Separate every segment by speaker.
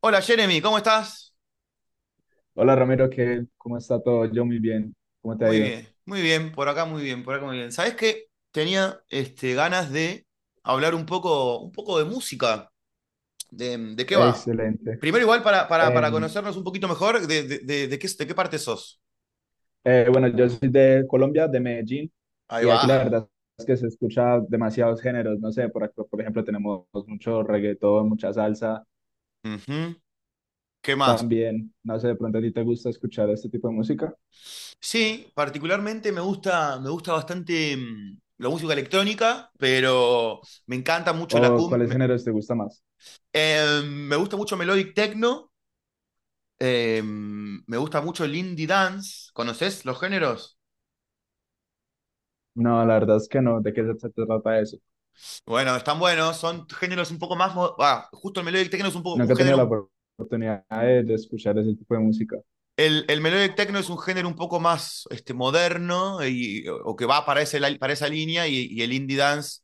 Speaker 1: Hola Jeremy, ¿cómo estás?
Speaker 2: Hola Ramiro, ¿qué? ¿Cómo está todo? Yo muy bien. ¿Cómo te ha ido?
Speaker 1: Muy bien, por acá muy bien, por acá muy bien. ¿Sabés qué? Tenía ganas de hablar un poco de música. ¿De qué va?
Speaker 2: Excelente.
Speaker 1: Primero igual para
Speaker 2: Eh,
Speaker 1: conocernos un poquito mejor, de qué, de qué parte sos?
Speaker 2: bueno, yo soy de Colombia, de Medellín,
Speaker 1: Ahí
Speaker 2: y
Speaker 1: va.
Speaker 2: aquí la verdad es que se escucha demasiados géneros. No sé, por acá, por ejemplo, tenemos mucho reggaetón, mucha salsa.
Speaker 1: Ujú. ¿Qué más?
Speaker 2: También, no sé, de pronto a ti te gusta escuchar este tipo de música
Speaker 1: Sí, particularmente me gusta bastante la música electrónica, pero me encanta mucho la
Speaker 2: o cuáles géneros te gusta más.
Speaker 1: Me gusta mucho melodic techno. Me gusta mucho el indie dance. ¿Conoces los géneros?
Speaker 2: No, la verdad es que no. ¿De qué se trata eso?
Speaker 1: Bueno, están buenos. Son géneros un poco más. Justo el melodic techno es un poco un
Speaker 2: Nunca he tenido
Speaker 1: género.
Speaker 2: la
Speaker 1: un-
Speaker 2: oportunidad de escuchar ese tipo de música.
Speaker 1: El melodic techno es un género un poco más moderno y, o que va para, ese, para esa línea. Y el indie dance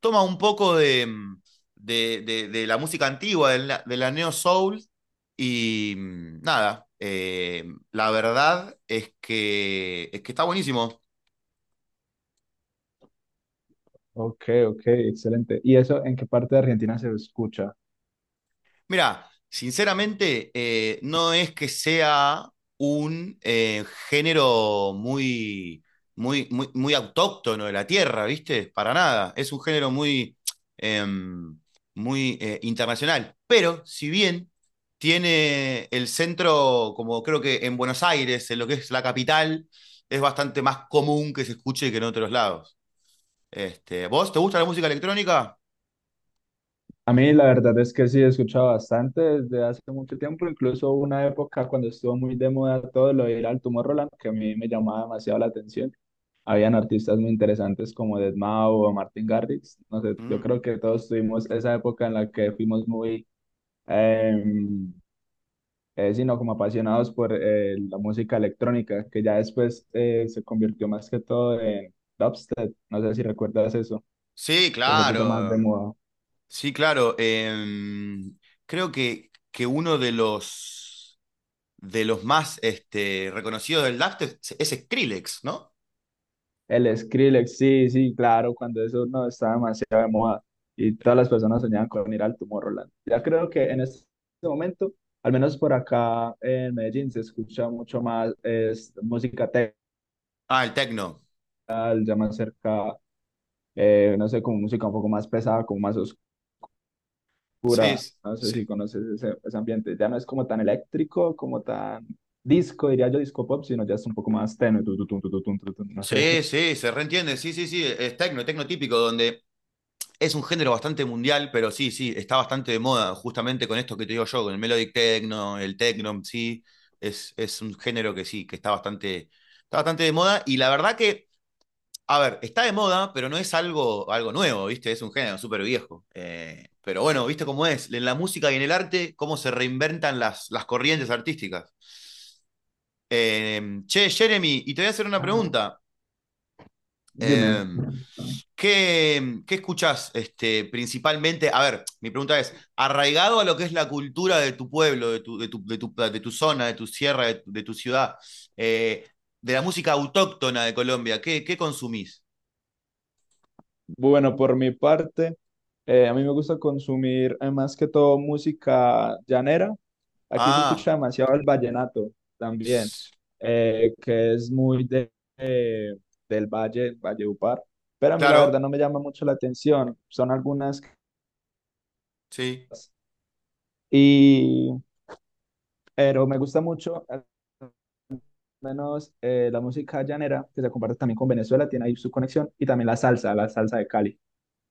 Speaker 1: toma un poco de la música antigua, de la neo soul. Y mm, nada, la verdad es que está buenísimo.
Speaker 2: Ok, ok, excelente. ¿Y eso en qué parte de Argentina se escucha?
Speaker 1: Mira, sinceramente, no es que sea un género muy autóctono de la tierra, ¿viste? Para nada. Es un género muy, em, muy internacional. Pero, si bien tiene el centro, como creo que en Buenos Aires, en lo que es la capital, es bastante más común que se escuche que en otros lados. ¿Vos te gusta la música electrónica?
Speaker 2: A mí la verdad es que sí, he escuchado bastante desde hace mucho tiempo, incluso hubo una época cuando estuvo muy de moda todo lo de ir al Roland, que a mí me llamaba demasiado la atención. Habían artistas muy interesantes como deadmau o Martin Garrix. No sé, yo
Speaker 1: Mm.
Speaker 2: creo que todos tuvimos esa época en la que fuimos muy, eh, sino como apasionados por la música electrónica, que ya después se convirtió más que todo en dubstep. No sé si recuerdas eso,
Speaker 1: Sí,
Speaker 2: que se puso más de
Speaker 1: claro.
Speaker 2: moda.
Speaker 1: Sí, claro. Creo que uno de los más reconocidos del DAF es Skrillex, ¿no?
Speaker 2: El Skrillex, sí, sí, claro, cuando eso no estaba demasiado de moda y todas las personas soñaban con ir al Tomorrowland. Ya creo que en este momento, al menos por acá en Medellín, se escucha mucho más es, música techal,
Speaker 1: Ah, el techno.
Speaker 2: ya más cerca, no sé, como música un poco más pesada, como más oscura. No sé si
Speaker 1: Sí.
Speaker 2: conoces ese, ese ambiente. Ya no es como tan eléctrico, como tan disco, diría yo, disco pop, sino ya es un poco más tenue. No
Speaker 1: Sí,
Speaker 2: sé.
Speaker 1: sí, se reentiende. Sí, sí, sí. Es techno, techno típico, donde es un género bastante mundial, pero sí, sí, está bastante de moda, justamente con esto que te digo yo, con el melodic techno, el techno, sí. Es un género que sí, que está bastante de moda. Y la verdad que. A ver, está de moda, pero no es algo, algo nuevo, ¿viste? Es un género súper viejo. Pero bueno, ¿viste cómo es? En la música y en el arte, cómo se reinventan las corrientes artísticas. Eh, Che, Jeremy, y te voy a hacer una
Speaker 2: Ah,
Speaker 1: pregunta. Eh,
Speaker 2: dime.
Speaker 1: ¿Qué, qué escuchás principalmente? A ver, mi pregunta es, arraigado a lo que es la cultura de tu pueblo, de tu zona, de tu sierra, de tu ciudad, eh, de la música autóctona de Colombia, ¿qué, qué consumís?
Speaker 2: Bueno, por mi parte, a mí me gusta consumir más que todo música llanera. Aquí se
Speaker 1: Ah,
Speaker 2: escucha demasiado el vallenato también,
Speaker 1: s-
Speaker 2: que es muy de, eh, del Valle, Valledupar, pero a mí la verdad
Speaker 1: claro.
Speaker 2: no me llama mucho la atención, son algunas,
Speaker 1: Sí.
Speaker 2: y, pero me gusta mucho al menos la música llanera, que se comparte también con Venezuela, tiene ahí su conexión, y también la salsa de Cali.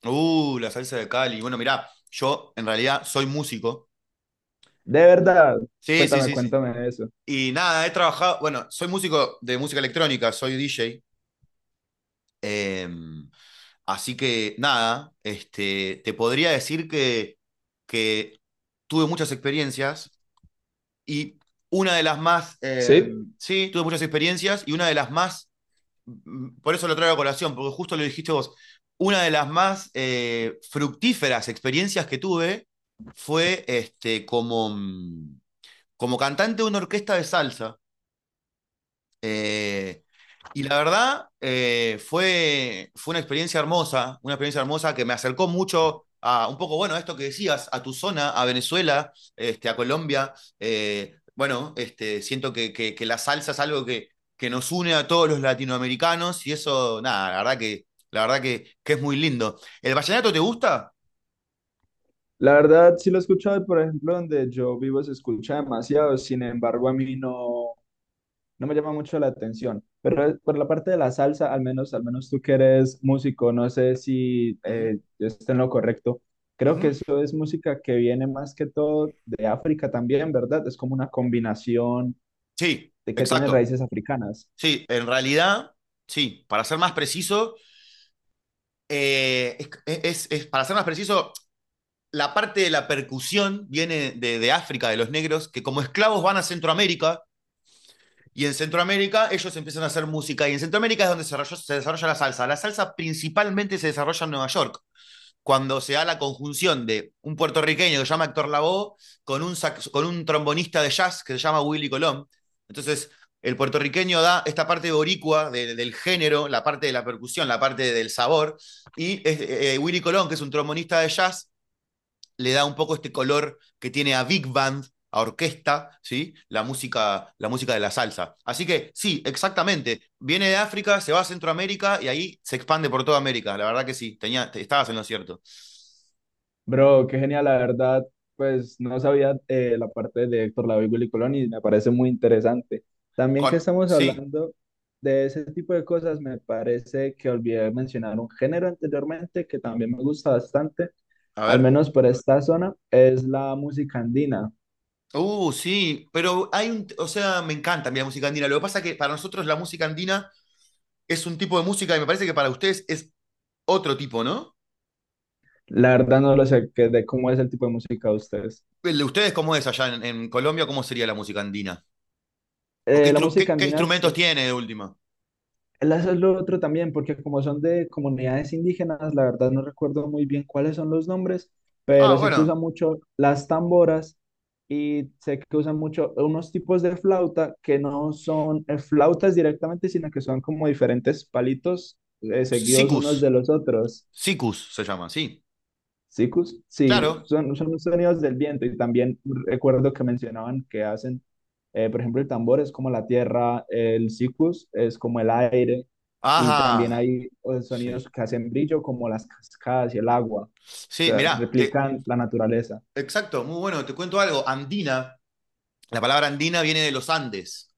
Speaker 1: La salsa de Cali. Bueno, mirá, yo en realidad soy músico.
Speaker 2: De verdad,
Speaker 1: Sí, sí,
Speaker 2: cuéntame,
Speaker 1: sí, sí.
Speaker 2: cuéntame de eso.
Speaker 1: Y nada, he trabajado, bueno, soy músico de música electrónica, soy DJ. em, Así que nada, te podría decir que tuve muchas experiencias y una de las más,
Speaker 2: Sí.
Speaker 1: em, sí, tuve muchas experiencias y una de las más por eso lo traigo a colación, porque justo lo dijiste vos, una de las más fructíferas experiencias que tuve fue como cantante de una orquesta de salsa. Eh, y la verdad, fue, fue una experiencia hermosa que me acercó mucho a un poco, bueno, a esto que decías, a tu zona, a Venezuela, a Colombia. Siento que, la salsa es algo que nos une a todos los latinoamericanos y eso, nada, la verdad que es muy lindo. ¿El vallenato te gusta?
Speaker 2: La verdad, sí lo he escuchado, y, por ejemplo, donde yo vivo se escucha demasiado, sin embargo, a mí no, no me llama mucho la atención. Pero por la parte de la salsa, al menos tú que eres músico, no sé si
Speaker 1: Uh -huh,
Speaker 2: yo esté en lo correcto.
Speaker 1: uh
Speaker 2: Creo que
Speaker 1: -huh.
Speaker 2: eso es música que viene más que todo de África también, ¿verdad? Es como una combinación
Speaker 1: Sí,
Speaker 2: de que tiene
Speaker 1: exacto.
Speaker 2: raíces africanas.
Speaker 1: Sí, en realidad, sí, para ser más preciso, eh, para ser más preciso, la parte de la percusión viene de África, de los negros, que como esclavos van a Centroamérica, y en Centroamérica ellos empiezan a hacer música, y en Centroamérica es donde se se desarrolla la salsa. La salsa principalmente se desarrolla en Nueva York cuando se da la conjunción de un puertorriqueño que se llama Héctor Lavoe con un, con un trombonista de jazz que se llama Willy Colón. Entonces, el puertorriqueño da esta parte boricua del género, la parte de la percusión, la parte del sabor, y Willy Colón, que es un trombonista de jazz, le da un poco este color que tiene a big band, a orquesta, ¿sí? La música de la salsa. Así que sí, exactamente. Viene de África, se va a Centroamérica y ahí se expande por toda América. La verdad que sí, tenía, estabas en lo cierto.
Speaker 2: Bro, qué genial, la verdad, pues no sabía la parte de Héctor Lavoe y Willy Colón y me parece muy interesante. También que
Speaker 1: Con-
Speaker 2: estamos
Speaker 1: sí,
Speaker 2: hablando de ese tipo de cosas, me parece que olvidé mencionar un género anteriormente que también me gusta bastante,
Speaker 1: a
Speaker 2: al
Speaker 1: ver.
Speaker 2: menos por esta zona, es la música andina.
Speaker 1: Sí, pero hay un, o sea, me encanta a mí la música andina. Lo que pasa es que para nosotros la música andina es un tipo de música y me parece que para ustedes es otro tipo, ¿no?
Speaker 2: La verdad no lo sé, qué de cómo es el tipo de música de ustedes.
Speaker 1: El de ustedes, ¿cómo es allá en Colombia? ¿Cómo sería la música andina? ¿O qué,
Speaker 2: La música
Speaker 1: qué- qué
Speaker 2: andina es-
Speaker 1: instrumentos tiene de última?
Speaker 2: Eso es lo otro también, porque como son de comunidades indígenas, la verdad no recuerdo muy bien cuáles son los nombres,
Speaker 1: Ah,
Speaker 2: pero sé que
Speaker 1: bueno,
Speaker 2: usan mucho las tamboras y sé que usan mucho unos tipos de flauta que no son flautas directamente, sino que son como diferentes palitos seguidos unos de
Speaker 1: sicus,
Speaker 2: los otros.
Speaker 1: sicus se llama, sí.
Speaker 2: Sikus, sí,
Speaker 1: Claro.
Speaker 2: son, son los sonidos del viento y también recuerdo que mencionaban que hacen, por ejemplo, el tambor es como la tierra, el sikus es como el aire y también
Speaker 1: Ajá,
Speaker 2: hay sonidos
Speaker 1: sí.
Speaker 2: que hacen brillo como las cascadas y el agua, o
Speaker 1: Sí,
Speaker 2: sea,
Speaker 1: mirá, te,
Speaker 2: replican la naturaleza.
Speaker 1: exacto, muy bueno, te cuento algo. Andina, la palabra andina viene de los Andes.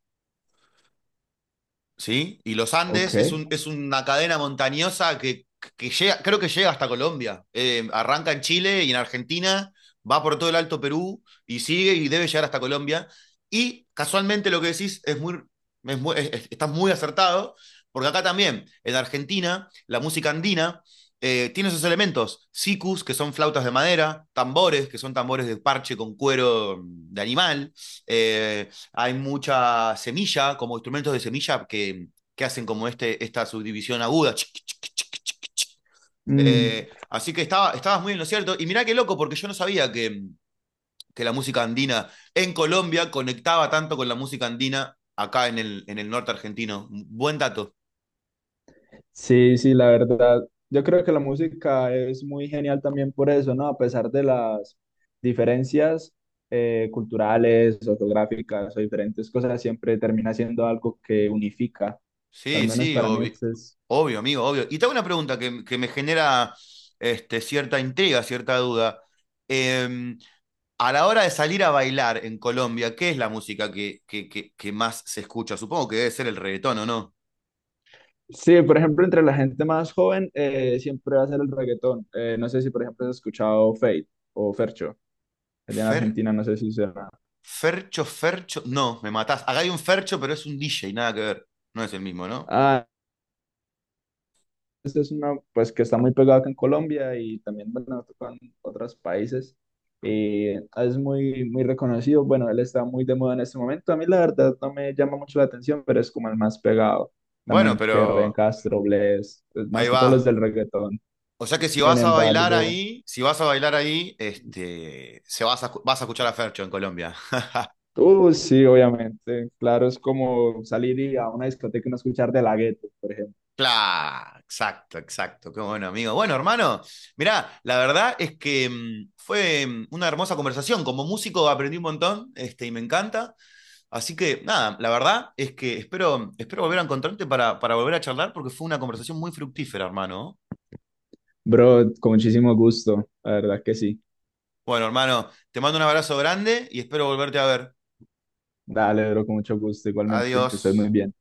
Speaker 1: ¿Sí? Y los Andes es,
Speaker 2: Ok.
Speaker 1: un, es una cadena montañosa que llega, creo que llega hasta Colombia. Arranca en Chile y en Argentina, va por todo el Alto Perú y sigue y debe llegar hasta Colombia. Y casualmente lo que decís es muy, estás muy acertado, porque acá también, en Argentina, la música andina tiene esos elementos, sikus, que son flautas de madera, tambores, que son tambores de parche con cuero de animal, eh, hay mucha semilla, como instrumentos de semilla que hacen como esta subdivisión aguda.
Speaker 2: Mm,
Speaker 1: Así que estaba, estabas muy en lo cierto. Y mirá qué loco, porque yo no sabía que la música andina en Colombia conectaba tanto con la música andina acá en el norte argentino. Buen dato.
Speaker 2: sí, sí, la verdad. Yo creo que la música es muy genial también por eso, ¿no? A pesar de las diferencias culturales, o geográficas o diferentes cosas, siempre termina siendo algo que unifica. Al
Speaker 1: Sí,
Speaker 2: menos
Speaker 1: sí,
Speaker 2: para mí
Speaker 1: obvio,
Speaker 2: esto es...
Speaker 1: obvio amigo, obvio. Y tengo una pregunta que me genera cierta intriga, cierta duda. Em, a la hora de salir a bailar en Colombia, ¿qué es la música que más se escucha? Supongo que debe ser el reggaetón, ¿o no?
Speaker 2: Sí, por ejemplo, entre la gente más joven siempre va a ser el reggaetón. No sé si, por ejemplo, has escuchado Fate o Fercho, allá en
Speaker 1: Fer,
Speaker 2: Argentina, no sé si será.
Speaker 1: Fercho, Fercho. No, me matás. Acá hay un Fercho, pero es un DJ, nada que ver. No es el mismo, ¿no?
Speaker 2: Esta es una, pues, que está muy pegada acá en Colombia y también, bueno, tocan otros países. Es muy, muy reconocido. Bueno, él está muy de moda en este momento. A mí, la verdad, no me llama mucho la atención, pero es como el más pegado.
Speaker 1: Bueno,
Speaker 2: También que Ryan
Speaker 1: pero
Speaker 2: Castro, Bless, pues, más
Speaker 1: ahí
Speaker 2: que todos los
Speaker 1: va.
Speaker 2: del reggaetón.
Speaker 1: O sea que si
Speaker 2: Sin
Speaker 1: vas a bailar
Speaker 2: embargo,
Speaker 1: ahí, si vas a bailar ahí, este, se vas a, vas a escuchar a Fercho en Colombia.
Speaker 2: sí, obviamente. Claro, es como salir y a una discoteca y no escuchar De La Ghetto, por ejemplo.
Speaker 1: Claro, exacto, exacto. Qué bueno, amigo. Bueno, hermano, mirá, la verdad es que fue una hermosa conversación. Como músico aprendí un montón, y me encanta. Así que, nada, la verdad es que espero, espero volver a encontrarte para volver a charlar porque fue una conversación muy fructífera, hermano.
Speaker 2: Bro, con muchísimo gusto. La verdad que sí.
Speaker 1: Bueno, hermano, te mando un abrazo grande y espero volverte a ver.
Speaker 2: Dale, bro, con mucho gusto, igualmente. Que
Speaker 1: Adiós.
Speaker 2: estés muy bien.